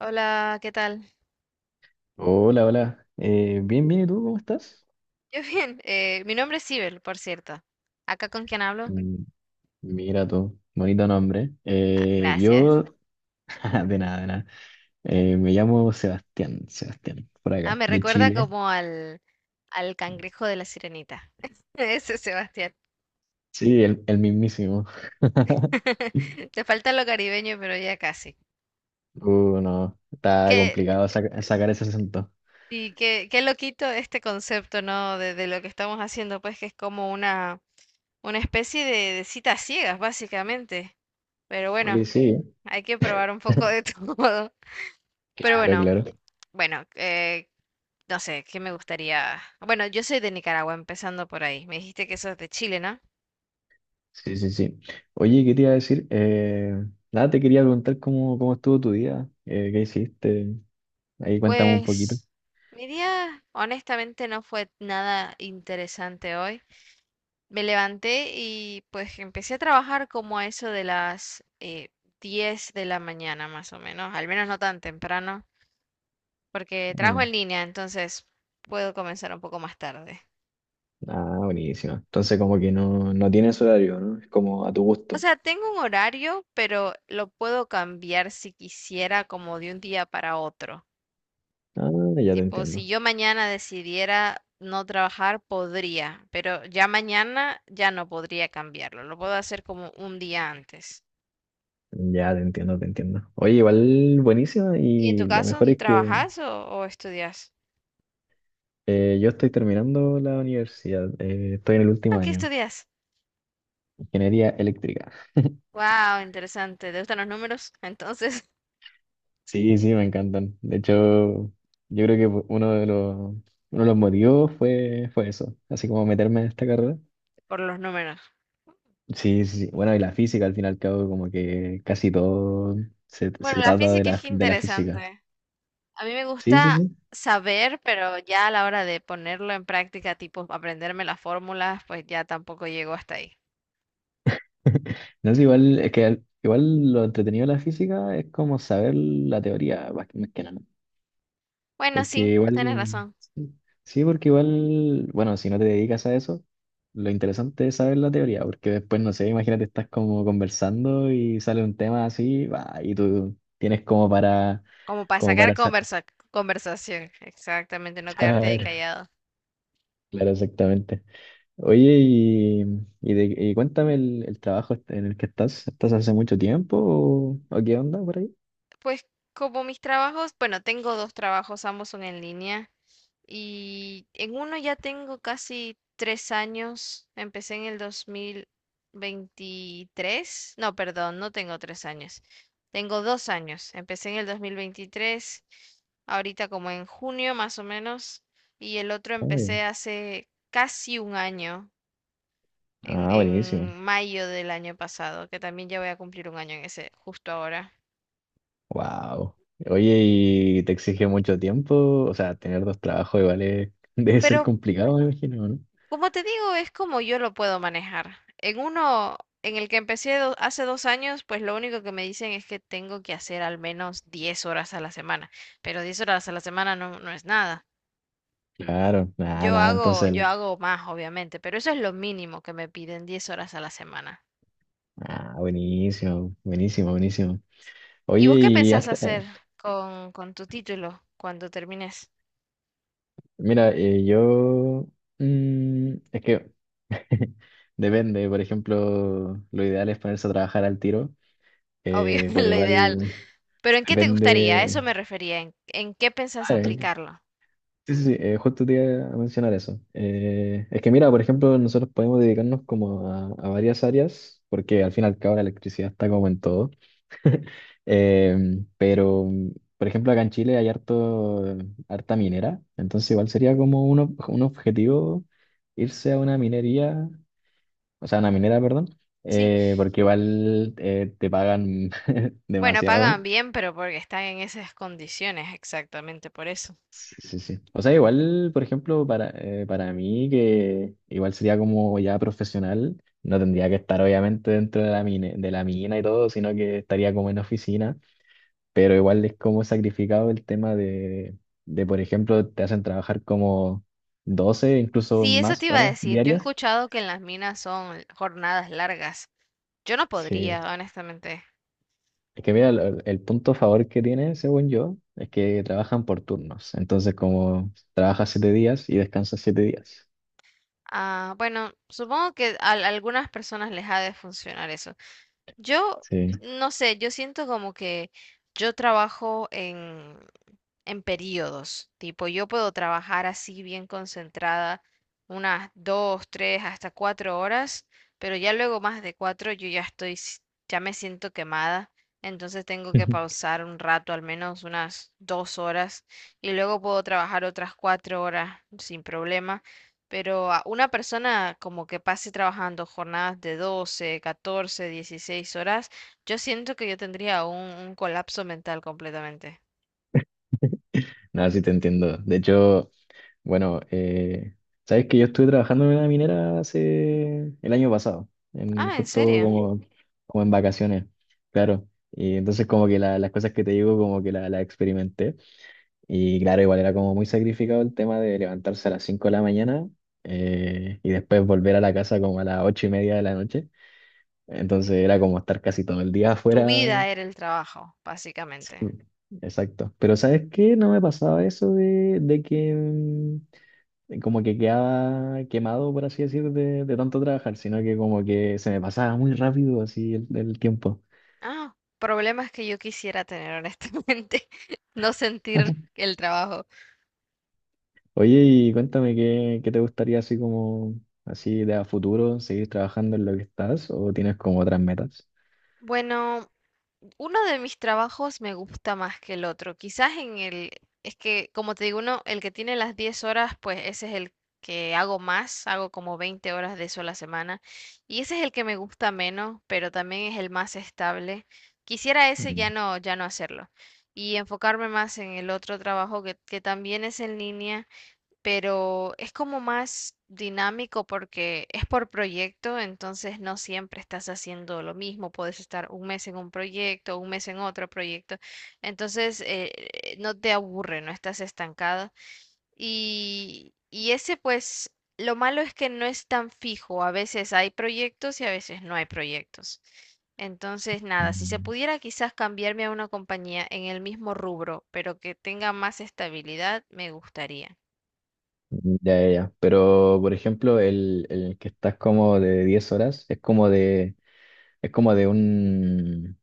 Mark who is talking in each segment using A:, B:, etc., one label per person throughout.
A: Hola, ¿qué tal?
B: Hola, hola. Bien, bien, ¿y tú cómo estás?
A: Yo bien. Mi nombre es Sibel, por cierto. ¿Acá con quién hablo?
B: Mm, Mira tú, bonito nombre.
A: Ah, gracias.
B: De nada, de nada. Me llamo Sebastián, por
A: Ah,
B: acá,
A: me
B: de
A: recuerda
B: Chile.
A: como al, al cangrejo de la sirenita. Ese es Sebastián.
B: Sí, el mismísimo.
A: Te falta lo caribeño, pero ya casi.
B: No, está
A: Qué,
B: complicado sacar ese acento.
A: y qué, qué loquito este concepto, ¿no? De lo que estamos haciendo, pues que es como una especie de citas ciegas, básicamente. Pero
B: Oye,
A: bueno,
B: sí, ¿eh?
A: hay que probar un poco de todo. Pero
B: Claro,
A: bueno,
B: claro.
A: bueno, no sé, ¿qué me gustaría? Bueno, yo soy de Nicaragua, empezando por ahí. Me dijiste que sos de Chile, ¿no?
B: Sí, sí, sí. Oye, ¿qué te iba a decir? Nada, te quería preguntar cómo estuvo tu día, qué hiciste. Ahí cuéntame un poquito.
A: Pues mi día honestamente no fue nada interesante hoy. Me levanté y pues empecé a trabajar como a eso de las 10 de la mañana, más o menos, al menos no tan temprano, porque trabajo en línea, entonces puedo comenzar un poco más tarde.
B: Ah, buenísimo. Entonces como que no tienes horario, ¿no? Es como a tu
A: O
B: gusto.
A: sea, tengo un horario, pero lo puedo cambiar si quisiera como de un día para otro.
B: Ah, ya te
A: Tipo, si
B: entiendo.
A: yo mañana decidiera no trabajar, podría, pero ya mañana ya no podría cambiarlo. Lo puedo hacer como un día antes.
B: Ya te entiendo, te entiendo. Oye, igual buenísima
A: ¿Y en tu
B: y lo
A: caso,
B: mejor es que
A: trabajas o estudias?
B: yo estoy terminando la universidad. Estoy en el
A: Ah,
B: último
A: ¿qué
B: año,
A: estudias?
B: ingeniería eléctrica.
A: Wow, interesante. ¿Te gustan los números entonces?
B: Sí, sí, me encantan. De hecho, yo creo que uno de uno de los motivos fue eso, así como meterme en esta carrera.
A: Por los números.
B: Sí, sí, sí. Bueno, y la física al fin y al cabo como que casi todo
A: Bueno,
B: se
A: la
B: trata de
A: física es que
B: de la física.
A: interesante. A mí me
B: Sí, sí,
A: gusta
B: sí.
A: saber, pero ya a la hora de ponerlo en práctica, tipo aprenderme las fórmulas, pues ya tampoco llego hasta ahí.
B: No es igual, es que igual lo entretenido de la física es como saber la teoría más que nada.
A: Bueno,
B: Porque
A: sí,
B: igual,
A: tienes razón.
B: sí, sí, porque igual, bueno, si no te dedicas a eso, lo interesante es saber la teoría, porque después, no sé, imagínate, estás como conversando y sale un tema así, va, y tú tienes como para,
A: Como para
B: como
A: sacar
B: para
A: conversación, exactamente, no quedarte ahí
B: claro,
A: callado.
B: claro, exactamente. Oye, y cuéntame el trabajo en el que estás, ¿estás hace mucho tiempo o qué onda por ahí?
A: Pues como mis trabajos, bueno, tengo dos trabajos, ambos son en línea y en uno ya tengo casi tres años, empecé en el 2023, no, perdón, no tengo tres años, tengo dos años, empecé en el 2023, ahorita como en junio más o menos, y el otro
B: Ay,
A: empecé hace casi un año
B: ah, buenísimo.
A: en mayo del año pasado, que también ya voy a cumplir un año en ese, justo ahora.
B: Wow. Oye, ¿y te exige mucho tiempo? O sea, tener dos trabajos igual es- debe ser
A: Pero
B: complicado, me imagino, ¿no?
A: como te digo, es como yo lo puedo manejar. En uno en el que empecé hace dos años, pues lo único que me dicen es que tengo que hacer al menos 10 horas a la semana, pero 10 horas a la semana no es nada.
B: Claro, nada, nada, entonces,
A: Yo hago más, obviamente, pero eso es lo mínimo que me piden, 10 horas a la semana.
B: ah, buenísimo, buenísimo, buenísimo. Oye,
A: ¿Y vos qué
B: y
A: pensás
B: hasta,
A: hacer
B: eh,
A: con tu título cuando termines?
B: mira, eh, yo, mm, es que depende, por ejemplo, lo ideal es ponerse a trabajar al tiro,
A: Obvio,
B: pero
A: lo ideal.
B: igual
A: Pero ¿en qué te gustaría? A eso
B: depende,
A: me refería. En qué pensás aplicarlo?
B: sí, sí, sí, justo te iba a mencionar eso. Es que mira, por ejemplo, nosotros podemos dedicarnos como a varias áreas, porque al fin y al cabo la electricidad está como en todo. Eh, pero, por ejemplo, acá en Chile hay harta minera, entonces igual sería como un, un objetivo irse a una minería, o sea, a una minera, perdón,
A: Sí,
B: porque igual te pagan
A: bueno, pagan
B: demasiado.
A: bien, pero porque están en esas condiciones, exactamente por eso.
B: Sí, sí, sí. O sea, igual, por ejemplo, para mí, que igual sería como ya profesional, no tendría que estar obviamente dentro de la mina y todo, sino que estaría como en oficina, pero igual es como sacrificado el tema de, por ejemplo, te hacen trabajar como 12 incluso
A: Sí, eso
B: más
A: te iba a
B: horas
A: decir. Yo he
B: diarias.
A: escuchado que en las minas son jornadas largas. Yo no
B: Sí.
A: podría, honestamente.
B: Es que mira, el punto a favor que tiene, según yo, es que trabajan por turnos. Entonces, como trabajas 7 días y descansas 7 días.
A: Ah, bueno, supongo que a algunas personas les ha de funcionar eso. Yo,
B: Sí.
A: no sé, yo siento como que yo trabajo en periodos. Tipo, yo puedo trabajar así bien concentrada unas dos, tres, hasta cuatro horas, pero ya luego más de cuatro yo ya estoy, ya me siento quemada. Entonces tengo que pausar un rato, al menos unas dos horas, y luego puedo trabajar otras cuatro horas sin problema. Pero a una persona como que pase trabajando jornadas de 12, 14, 16 horas, yo siento que yo tendría un colapso mental completamente.
B: No, sí te entiendo. De hecho, bueno, eh, sabes que yo estuve trabajando en una minera hace el año pasado, en,
A: Ah, ¿en
B: justo
A: serio?
B: como, como en vacaciones, claro. Y entonces como que las cosas que te digo como que las experimenté. Y claro, igual era como muy sacrificado el tema de levantarse a las 5 de la mañana y después volver a la casa como a las 8:30 de la noche. Entonces era como estar casi todo el día
A: Tu
B: afuera.
A: vida era el trabajo,
B: Sí,
A: básicamente.
B: exacto. Pero ¿sabes qué? No me pasaba eso de que... como que quedaba quemado, por así decir, de tanto trabajar, sino que como que se me pasaba muy rápido así el tiempo.
A: Ah, problemas que yo quisiera tener, honestamente. No sentir el trabajo.
B: Oye, y cuéntame qué te gustaría así como, así de a futuro, seguir trabajando en lo que estás o tienes como otras metas.
A: Bueno, uno de mis trabajos me gusta más que el otro. Quizás en el, es que como te digo, uno, el que tiene las 10 horas, pues ese es el que hago más, hago como 20 horas de eso a la semana. Y ese es el que me gusta menos, pero también es el más estable. Quisiera ese ya
B: Mm,
A: no, ya no hacerlo. Y enfocarme más en el otro trabajo que también es en línea, pero es como más dinámico porque es por proyecto, entonces no siempre estás haciendo lo mismo, puedes estar un mes en un proyecto, un mes en otro proyecto, entonces no te aburre, no estás estancado. Y ese pues, lo malo es que no es tan fijo, a veces hay proyectos y a veces no hay proyectos. Entonces, nada, si se
B: mm,
A: pudiera quizás cambiarme a una compañía en el mismo rubro, pero que tenga más estabilidad, me gustaría.
B: Ya, ya, ya. Pero, por ejemplo, el que estás como de 10 horas es como de un,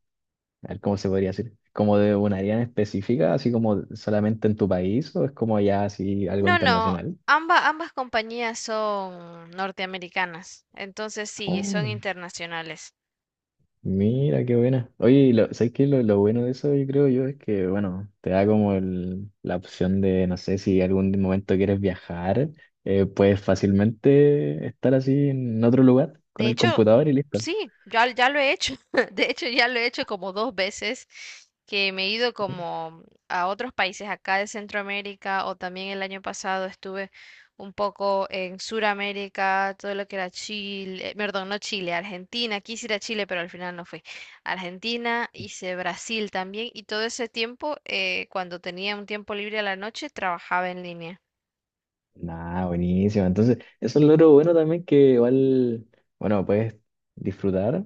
B: a ver, ¿cómo se podría decir? ¿Como de un área en específica, así como solamente en tu país, o es como ya así algo
A: No, no,
B: internacional?
A: ambas compañías son norteamericanas, entonces sí, son
B: Oh,
A: internacionales.
B: mira, qué buena. Oye, ¿sabes qué? Lo bueno de eso, yo creo yo, es que, bueno, te da como la opción de, no sé, si algún momento quieres viajar, puedes fácilmente estar así en otro lugar con
A: De
B: el
A: hecho,
B: computador y listo.
A: sí, ya, ya lo he hecho. De hecho, ya lo he hecho como dos veces que me he ido como a otros países acá de Centroamérica, o también el año pasado estuve un poco en Suramérica, todo lo que era Chile, perdón, no Chile, Argentina, quise ir a Chile, pero al final no fui. Argentina, hice Brasil también, y todo ese tiempo, cuando tenía un tiempo libre a la noche, trabajaba en línea.
B: Nah, buenísimo. Entonces, eso es lo bueno también que igual, bueno, puedes disfrutar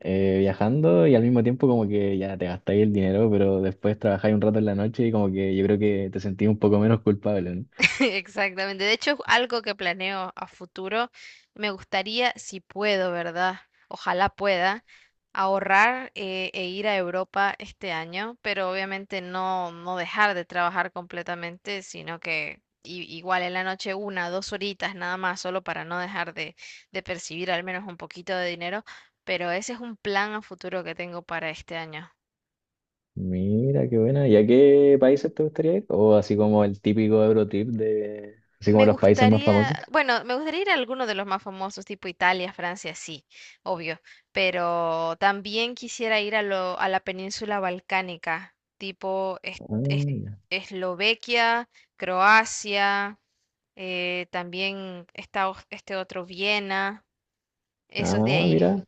B: viajando y al mismo tiempo como que ya te gastáis el dinero, pero después trabajáis un rato en la noche y como que yo creo que te sentís un poco menos culpable, ¿no?
A: Exactamente. De hecho, es algo que planeo a futuro. Me gustaría, si puedo, ¿verdad? Ojalá pueda ahorrar e ir a Europa este año, pero obviamente no, no dejar de trabajar completamente, sino que igual en la noche una, dos horitas nada más, solo para no dejar de percibir al menos un poquito de dinero. Pero ese es un plan a futuro que tengo para este año.
B: Mira, qué buena. ¿Y a qué países te gustaría ir? O así como el típico Eurotrip de, así como
A: Me
B: los países más
A: gustaría,
B: famosos.
A: bueno, me gustaría ir a alguno de los más famosos, tipo Italia, Francia, sí, obvio, pero también quisiera ir a lo, a la península balcánica, tipo
B: Ah,
A: Es-
B: mira,
A: Eslovaquia, Croacia, también está este otro Viena, esos de
B: ah,
A: ahí.
B: mira,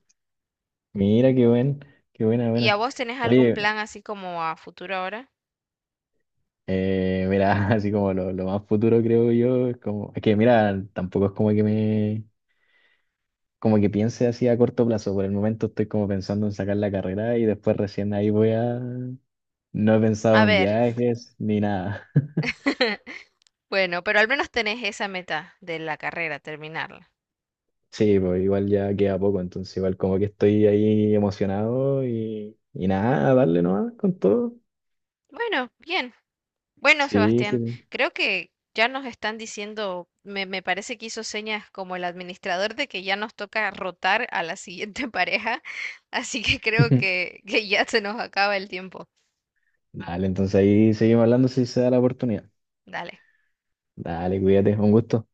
B: mira, qué buena,
A: ¿Y a
B: buena.
A: vos tenés algún plan
B: Oye,
A: así como a futuro ahora?
B: Mira, así como lo más futuro creo yo, es como, es que mira, tampoco es como que me, como que piense así a corto plazo, por el momento estoy como pensando en sacar la carrera y después recién ahí voy a, no he pensado
A: A
B: en
A: ver,
B: viajes ni nada.
A: bueno, pero al menos tenés esa meta de la carrera, terminarla.
B: Sí, pues igual ya queda poco, entonces igual como que estoy ahí emocionado y nada, a darle nomás con todo.
A: Bueno, bien. Bueno,
B: Sí,
A: Sebastián,
B: sí.
A: creo que ya nos están diciendo, me parece que hizo señas como el administrador de que ya nos toca rotar a la siguiente pareja, así que creo que ya se nos acaba el tiempo.
B: Dale, entonces ahí seguimos hablando si se da la oportunidad.
A: Dale.
B: Dale, cuídate, un gusto.